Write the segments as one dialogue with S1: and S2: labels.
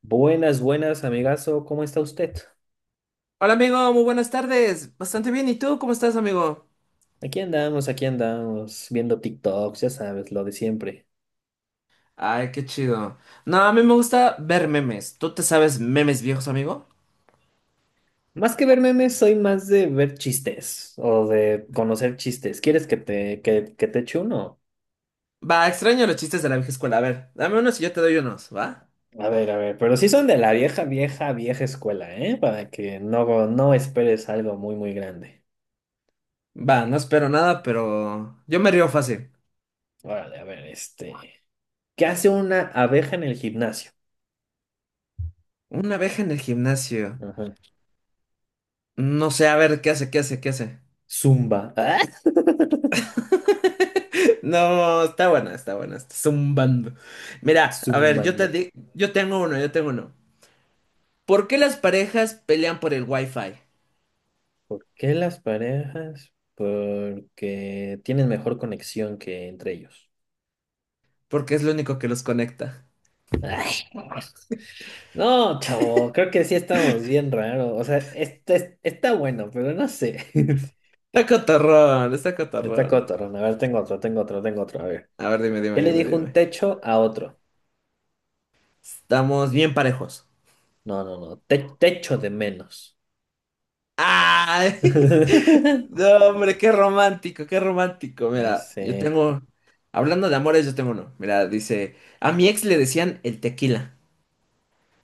S1: Buenas, buenas, amigazo, ¿cómo está usted?
S2: Hola amigo, muy buenas tardes. Bastante bien. ¿Y tú cómo estás, amigo?
S1: Aquí andamos, viendo TikToks, ya sabes, lo de siempre.
S2: Ay, qué chido. No, a mí me gusta ver memes. ¿Tú te sabes memes viejos, amigo?
S1: Más que ver memes, soy más de ver chistes o de conocer chistes. ¿Quieres que te eche uno?
S2: Va, extraño los chistes de la vieja escuela. A ver, dame unos y yo te doy unos, ¿va?
S1: A ver, pero sí son de la vieja, vieja, vieja escuela, ¿eh? Para que no esperes algo muy, muy grande.
S2: Va, no espero nada, pero yo me río fácil.
S1: Órale, a ver, ¿Qué hace una abeja en el gimnasio?
S2: Una abeja en el gimnasio.
S1: Ajá.
S2: No sé, a ver, ¿qué hace? ¿Qué hace? ¿Qué hace?
S1: Zumba.
S2: No, está buena, está buena, está zumbando. Mira, a ver,
S1: Zumbando.
S2: yo tengo uno, yo tengo uno. ¿Por qué las parejas pelean por el wifi?
S1: ¿Por qué las parejas? Porque tienen mejor conexión que entre ellos.
S2: Porque es lo único que los conecta.
S1: Ay, no, chavo, creo que sí estamos bien raro. O sea, está bueno, pero no sé.
S2: Está catarrón, está
S1: Está
S2: catarrón.
S1: cotorrón. A ver, tengo otro, tengo otro, tengo otro. A ver.
S2: A ver, dime,
S1: ¿Qué
S2: dime,
S1: le
S2: dime,
S1: dijo un
S2: dime.
S1: techo a otro?
S2: Estamos bien parejos.
S1: No, no, no. Techo de menos.
S2: ¡Ay! No, hombre, qué romántico, qué romántico.
S1: Ya
S2: Mira, yo
S1: sé.
S2: tengo. Hablando de amores, yo tengo uno. Mira, dice. A mi ex le decían el tequila.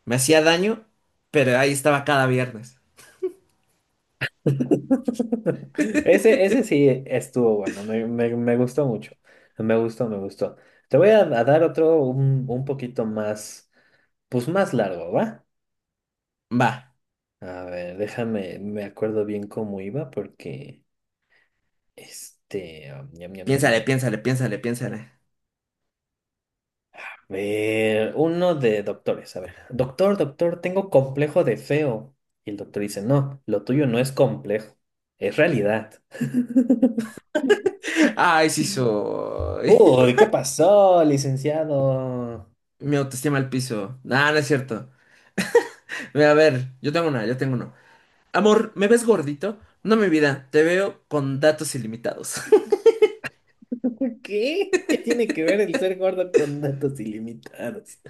S2: Me hacía daño, pero ahí estaba cada viernes.
S1: Ese sí estuvo bueno, me gustó mucho, me gustó, me gustó. Te voy a dar otro un poquito más, pues más largo, ¿va?
S2: Va,
S1: A ver, déjame, me acuerdo bien cómo iba porque, ñam, ñam, ñam,
S2: piénsale,
S1: ñam.
S2: piénsale, piénsale, piénsale.
S1: A ver, uno de doctores, a ver, doctor, doctor, tengo complejo de feo. Y el doctor dice, no, lo tuyo no es complejo, es realidad.
S2: Ay, sí soy.
S1: Uy, ¿qué pasó, licenciado?
S2: Mi autoestima al piso. No, no es cierto. Mira, a ver, yo tengo una, yo tengo uno. Amor, ¿me ves gordito? No, mi vida, te veo con datos ilimitados.
S1: ¿Qué? ¿Qué tiene que ver el ser gordo con datos ilimitados?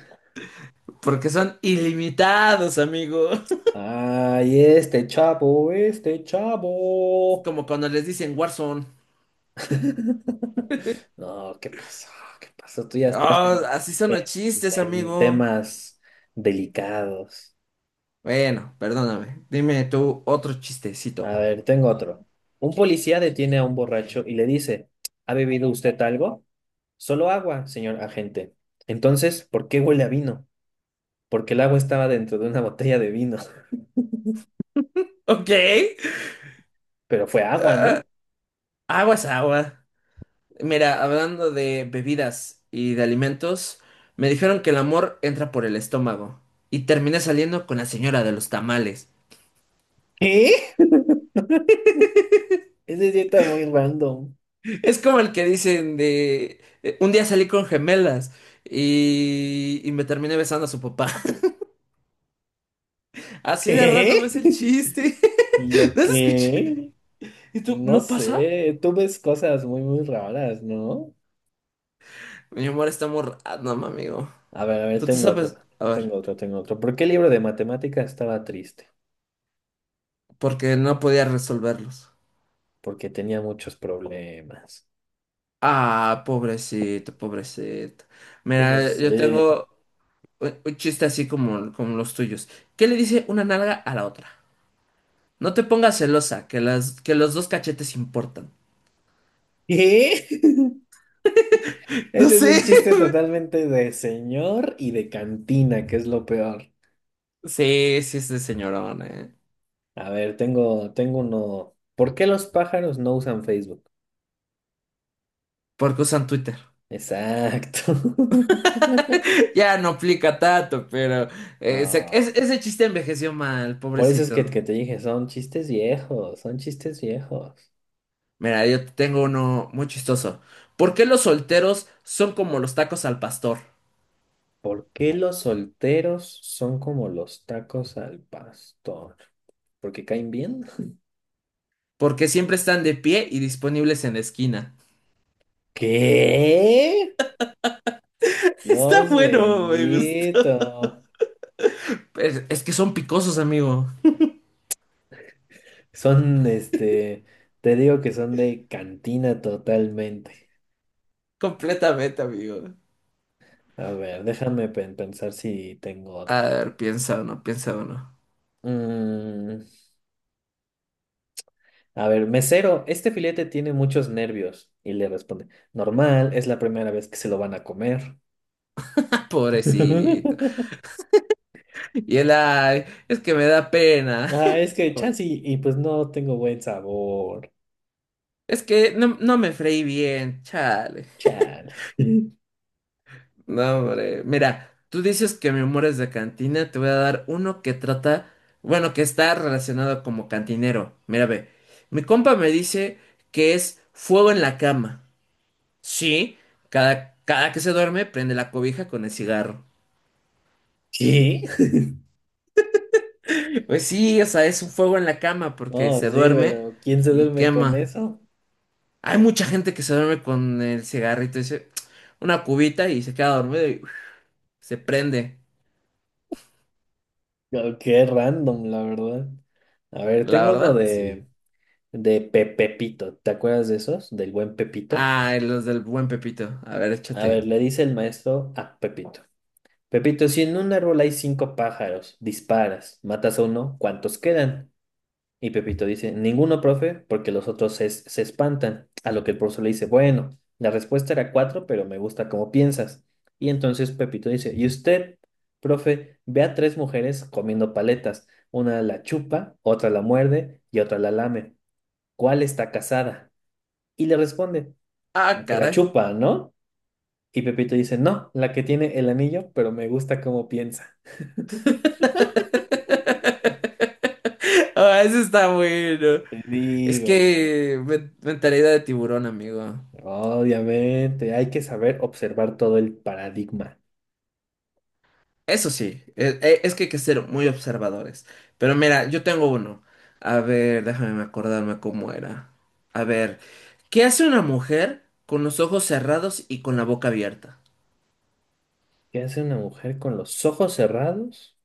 S2: Porque son ilimitados, amigo.
S1: Ay, este chavo, este
S2: Es
S1: chavo.
S2: como cuando les dicen Warzone.
S1: No, ¿qué pasó? ¿Qué pasó? Tú ya estás
S2: Oh, así son
S1: en-
S2: los chistes,
S1: en
S2: amigo.
S1: temas delicados.
S2: Bueno, perdóname. Dime tú otro chistecito.
S1: A ver, tengo otro. Un policía detiene a un borracho y le dice, ¿ha bebido usted algo? Solo agua, señor agente. Entonces, ¿por qué huele a vino? Porque el agua estaba dentro de una botella de vino,
S2: Ok.
S1: pero fue agua, ¿no?
S2: Aguas, agua. Mira, hablando de bebidas y de alimentos, me dijeron que el amor entra por el estómago. Y terminé saliendo con la señora de los tamales.
S1: ¿Eh? Ese sí está muy random.
S2: Es como el que dicen de un día salí con gemelas y, me terminé besando a su papá. Así de random
S1: ¿Eh?
S2: es el chiste.
S1: ¿Y yo
S2: ¿No se escucha?
S1: qué?
S2: ¿Y tú?
S1: No
S2: ¿No pasa?
S1: sé, tú ves cosas muy, muy raras, ¿no?
S2: Mi amor está muy random, amigo.
S1: A ver,
S2: Tú te
S1: tengo otro,
S2: sabes. A ver,
S1: tengo otro, tengo otro. ¿Por qué el libro de matemáticas estaba triste?
S2: porque no podía resolverlos.
S1: Porque tenía muchos problemas.
S2: Ah, pobrecito, pobrecito.
S1: ¿Cómo
S2: Mira, yo
S1: sé?
S2: tengo un chiste así como, como los tuyos. ¿Qué le dice una nalga a la otra? No te pongas celosa, que los dos cachetes importan.
S1: ¿Qué?
S2: No
S1: Ese es
S2: sé.
S1: un chiste totalmente de señor y de cantina, que es lo peor.
S2: Sí, sí es de señorón, ¿eh?
S1: A ver, tengo uno. ¿Por qué los pájaros no usan Facebook?
S2: Porque usan Twitter.
S1: Exacto.
S2: Ya no aplica tanto, pero
S1: Ah,
S2: ese chiste envejeció mal,
S1: por eso es que,
S2: pobrecito.
S1: que te dije, son chistes viejos, son chistes viejos.
S2: Mira, yo te tengo uno muy chistoso. ¿Por qué los solteros son como los tacos al pastor?
S1: ¿Por qué los solteros son como los tacos al pastor? ¿Porque caen bien?
S2: Porque siempre están de pie y disponibles en la esquina.
S1: ¿Qué?
S2: Está
S1: Dios
S2: bueno, me gusta.
S1: bendito.
S2: Es que son picosos, amigo.
S1: Son, este, te digo que son de cantina totalmente.
S2: Completamente, amigo.
S1: A ver, déjame pensar si tengo otro.
S2: A ver, piensa uno, piensa uno.
S1: Mm, A ver, mesero, este filete tiene muchos nervios. Y le responde, normal, es la primera vez que se lo van a comer.
S2: Pobrecito. Y él, ay, es que me da pena.
S1: Ah, es que chance y pues no tengo buen sabor.
S2: Es que no, no me freí bien, chale.
S1: Chale.
S2: No, hombre. Mira, tú dices que mi humor es de cantina, te voy a dar uno que trata, bueno, que está relacionado como cantinero. Mira, ve. Mi compa me dice que es fuego en la cama. Sí, cada que se duerme prende la cobija con el cigarro.
S1: ¿Qué?
S2: Pues sí, o sea, es un fuego en la cama porque
S1: Oh, sí,
S2: se duerme
S1: pero ¿quién se
S2: y
S1: duerme con
S2: quema.
S1: eso?
S2: Hay mucha gente que se duerme con el cigarrito, dice, una cubita y se queda dormido y uf, se prende.
S1: Oh, qué random, la verdad. A ver,
S2: La
S1: tengo uno
S2: verdad, sí.
S1: de Pepito. ¿Te acuerdas de esos? Del buen Pepito.
S2: Ah, los del buen Pepito. A ver,
S1: A ver,
S2: échate.
S1: le dice el maestro a Pepito. Pepito, si en un árbol hay cinco pájaros, disparas, matas a uno, ¿cuántos quedan? Y Pepito dice, ninguno, profe, porque los otros se espantan. A lo que el profesor le dice, bueno, la respuesta era cuatro, pero me gusta cómo piensas. Y entonces Pepito dice, ¿y usted, profe, ve a tres mujeres comiendo paletas? Una la chupa, otra la muerde y otra la lame. ¿Cuál está casada? Y le responde,
S2: Ah,
S1: la que la
S2: caray.
S1: chupa, ¿no? Y Pepito dice, no, la que tiene el anillo, pero me gusta cómo piensa.
S2: Ah, eso está bueno.
S1: Te
S2: Es
S1: digo, güey.
S2: que mentalidad de tiburón, amigo.
S1: Obviamente, hay que saber observar todo el paradigma.
S2: Eso sí, es, que hay que ser muy observadores. Pero mira, yo tengo uno. A ver, déjame acordarme cómo era. A ver, ¿qué hace una mujer con los ojos cerrados y con la boca abierta?
S1: ¿Qué hace una mujer con los ojos cerrados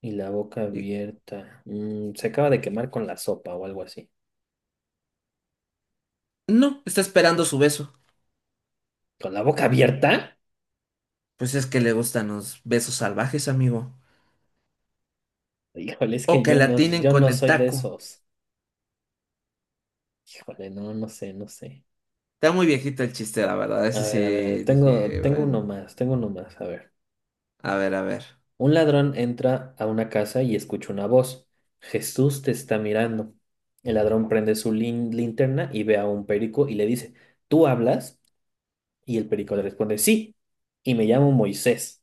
S1: y la boca
S2: Y-
S1: abierta? Mm, se acaba de quemar con la sopa o algo así.
S2: No, está esperando su beso.
S1: ¿Con la boca abierta?
S2: Pues es que le gustan los besos salvajes, amigo.
S1: Híjole, es
S2: O
S1: que
S2: que la tienen
S1: yo no
S2: con el
S1: soy de
S2: taco.
S1: esos. Híjole, no, no sé, no sé.
S2: Está muy viejito el chiste, la verdad. Ese
S1: A ver,
S2: sí dije, bueno.
S1: tengo uno más, a ver.
S2: A ver, a ver.
S1: Un ladrón entra a una casa y escucha una voz. Jesús te está mirando. El ladrón prende su linterna y ve a un perico y le dice, ¿tú hablas? Y el perico le responde, sí, y me llamo Moisés.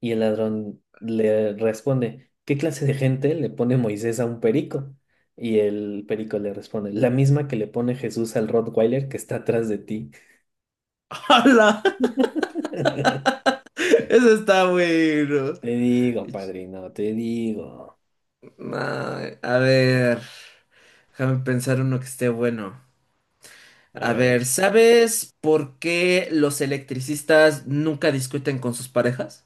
S1: Y el ladrón le responde, ¿qué clase de gente le pone Moisés a un perico? Y el perico le responde, la misma que le pone Jesús al Rottweiler que está atrás de ti.
S2: ¡Hala! Eso está bueno.
S1: Te digo, padrino, te digo.
S2: No, a ver. Déjame pensar uno que esté bueno.
S1: A
S2: A
S1: ver,
S2: ver,
S1: hecho.
S2: ¿sabes por qué los electricistas nunca discuten con sus parejas?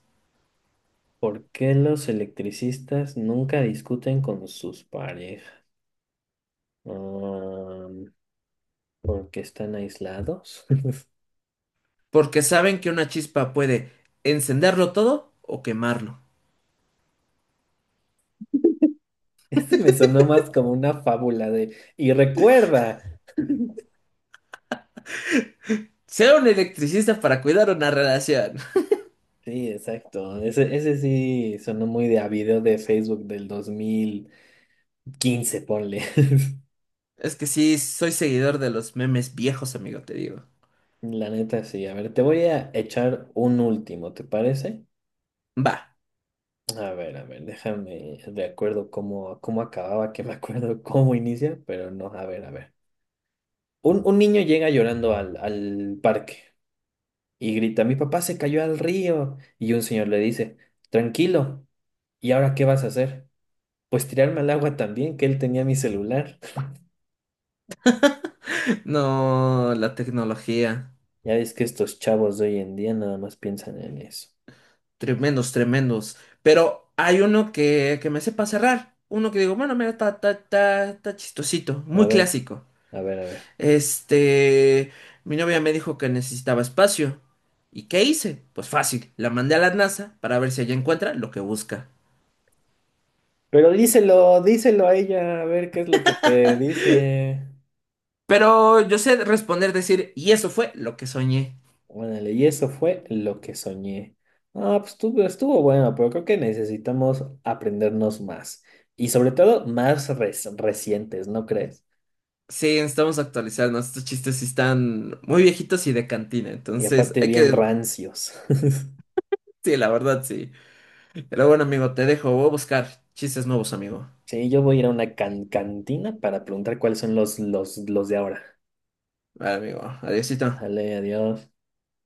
S1: ¿Por qué los electricistas nunca discuten con sus parejas? Mm, porque están aislados.
S2: Porque saben que una chispa puede encenderlo todo o quemarlo.
S1: Este me sonó más como una fábula de... Y recuerda.
S2: Sea un electricista para cuidar una relación.
S1: Sí, exacto. Ese sí sonó muy de a video de Facebook del 2015, ponle.
S2: Es que sí, soy seguidor de los memes viejos, amigo, te digo.
S1: La neta, sí. A ver, te voy a echar un último, ¿te parece?
S2: Va.
S1: A ver, déjame de acuerdo cómo, cómo acababa, que me acuerdo cómo inicia, pero no, a ver, a ver. Un niño llega llorando al parque y grita, mi papá se cayó al río. Y un señor le dice, tranquilo, ¿y ahora qué vas a hacer? Pues tirarme al agua también, que él tenía mi celular.
S2: No, la tecnología.
S1: Ya ves que estos chavos de hoy en día nada más piensan en eso.
S2: Tremendos, tremendos. Pero hay uno que me sepa cerrar. Uno que digo, bueno, mira, está, está ta está chistosito.
S1: A
S2: Muy
S1: ver,
S2: clásico.
S1: a ver, a ver.
S2: Este, mi novia me dijo que necesitaba espacio. ¿Y qué hice? Pues fácil, la mandé a la NASA para ver si ella encuentra lo que busca.
S1: Pero díselo, díselo a ella, a ver qué es lo que te dice.
S2: Pero yo sé responder, decir, y eso fue lo que soñé.
S1: Bueno, y eso fue lo que soñé. Ah, pues estuvo, estuvo bueno, pero creo que necesitamos aprendernos más. Y sobre todo más recientes, ¿no crees?
S2: Sí, necesitamos actualizarnos. Estos chistes sí están muy viejitos y de cantina.
S1: Y
S2: Entonces,
S1: aparte
S2: hay
S1: bien
S2: que...
S1: rancios.
S2: Sí, la verdad, sí. Pero bueno, amigo, te dejo. Voy a buscar chistes nuevos, amigo.
S1: Sí, yo voy a ir a una cantina para preguntar cuáles son los de ahora.
S2: Vale, amigo. Adiósito.
S1: Vale, adiós.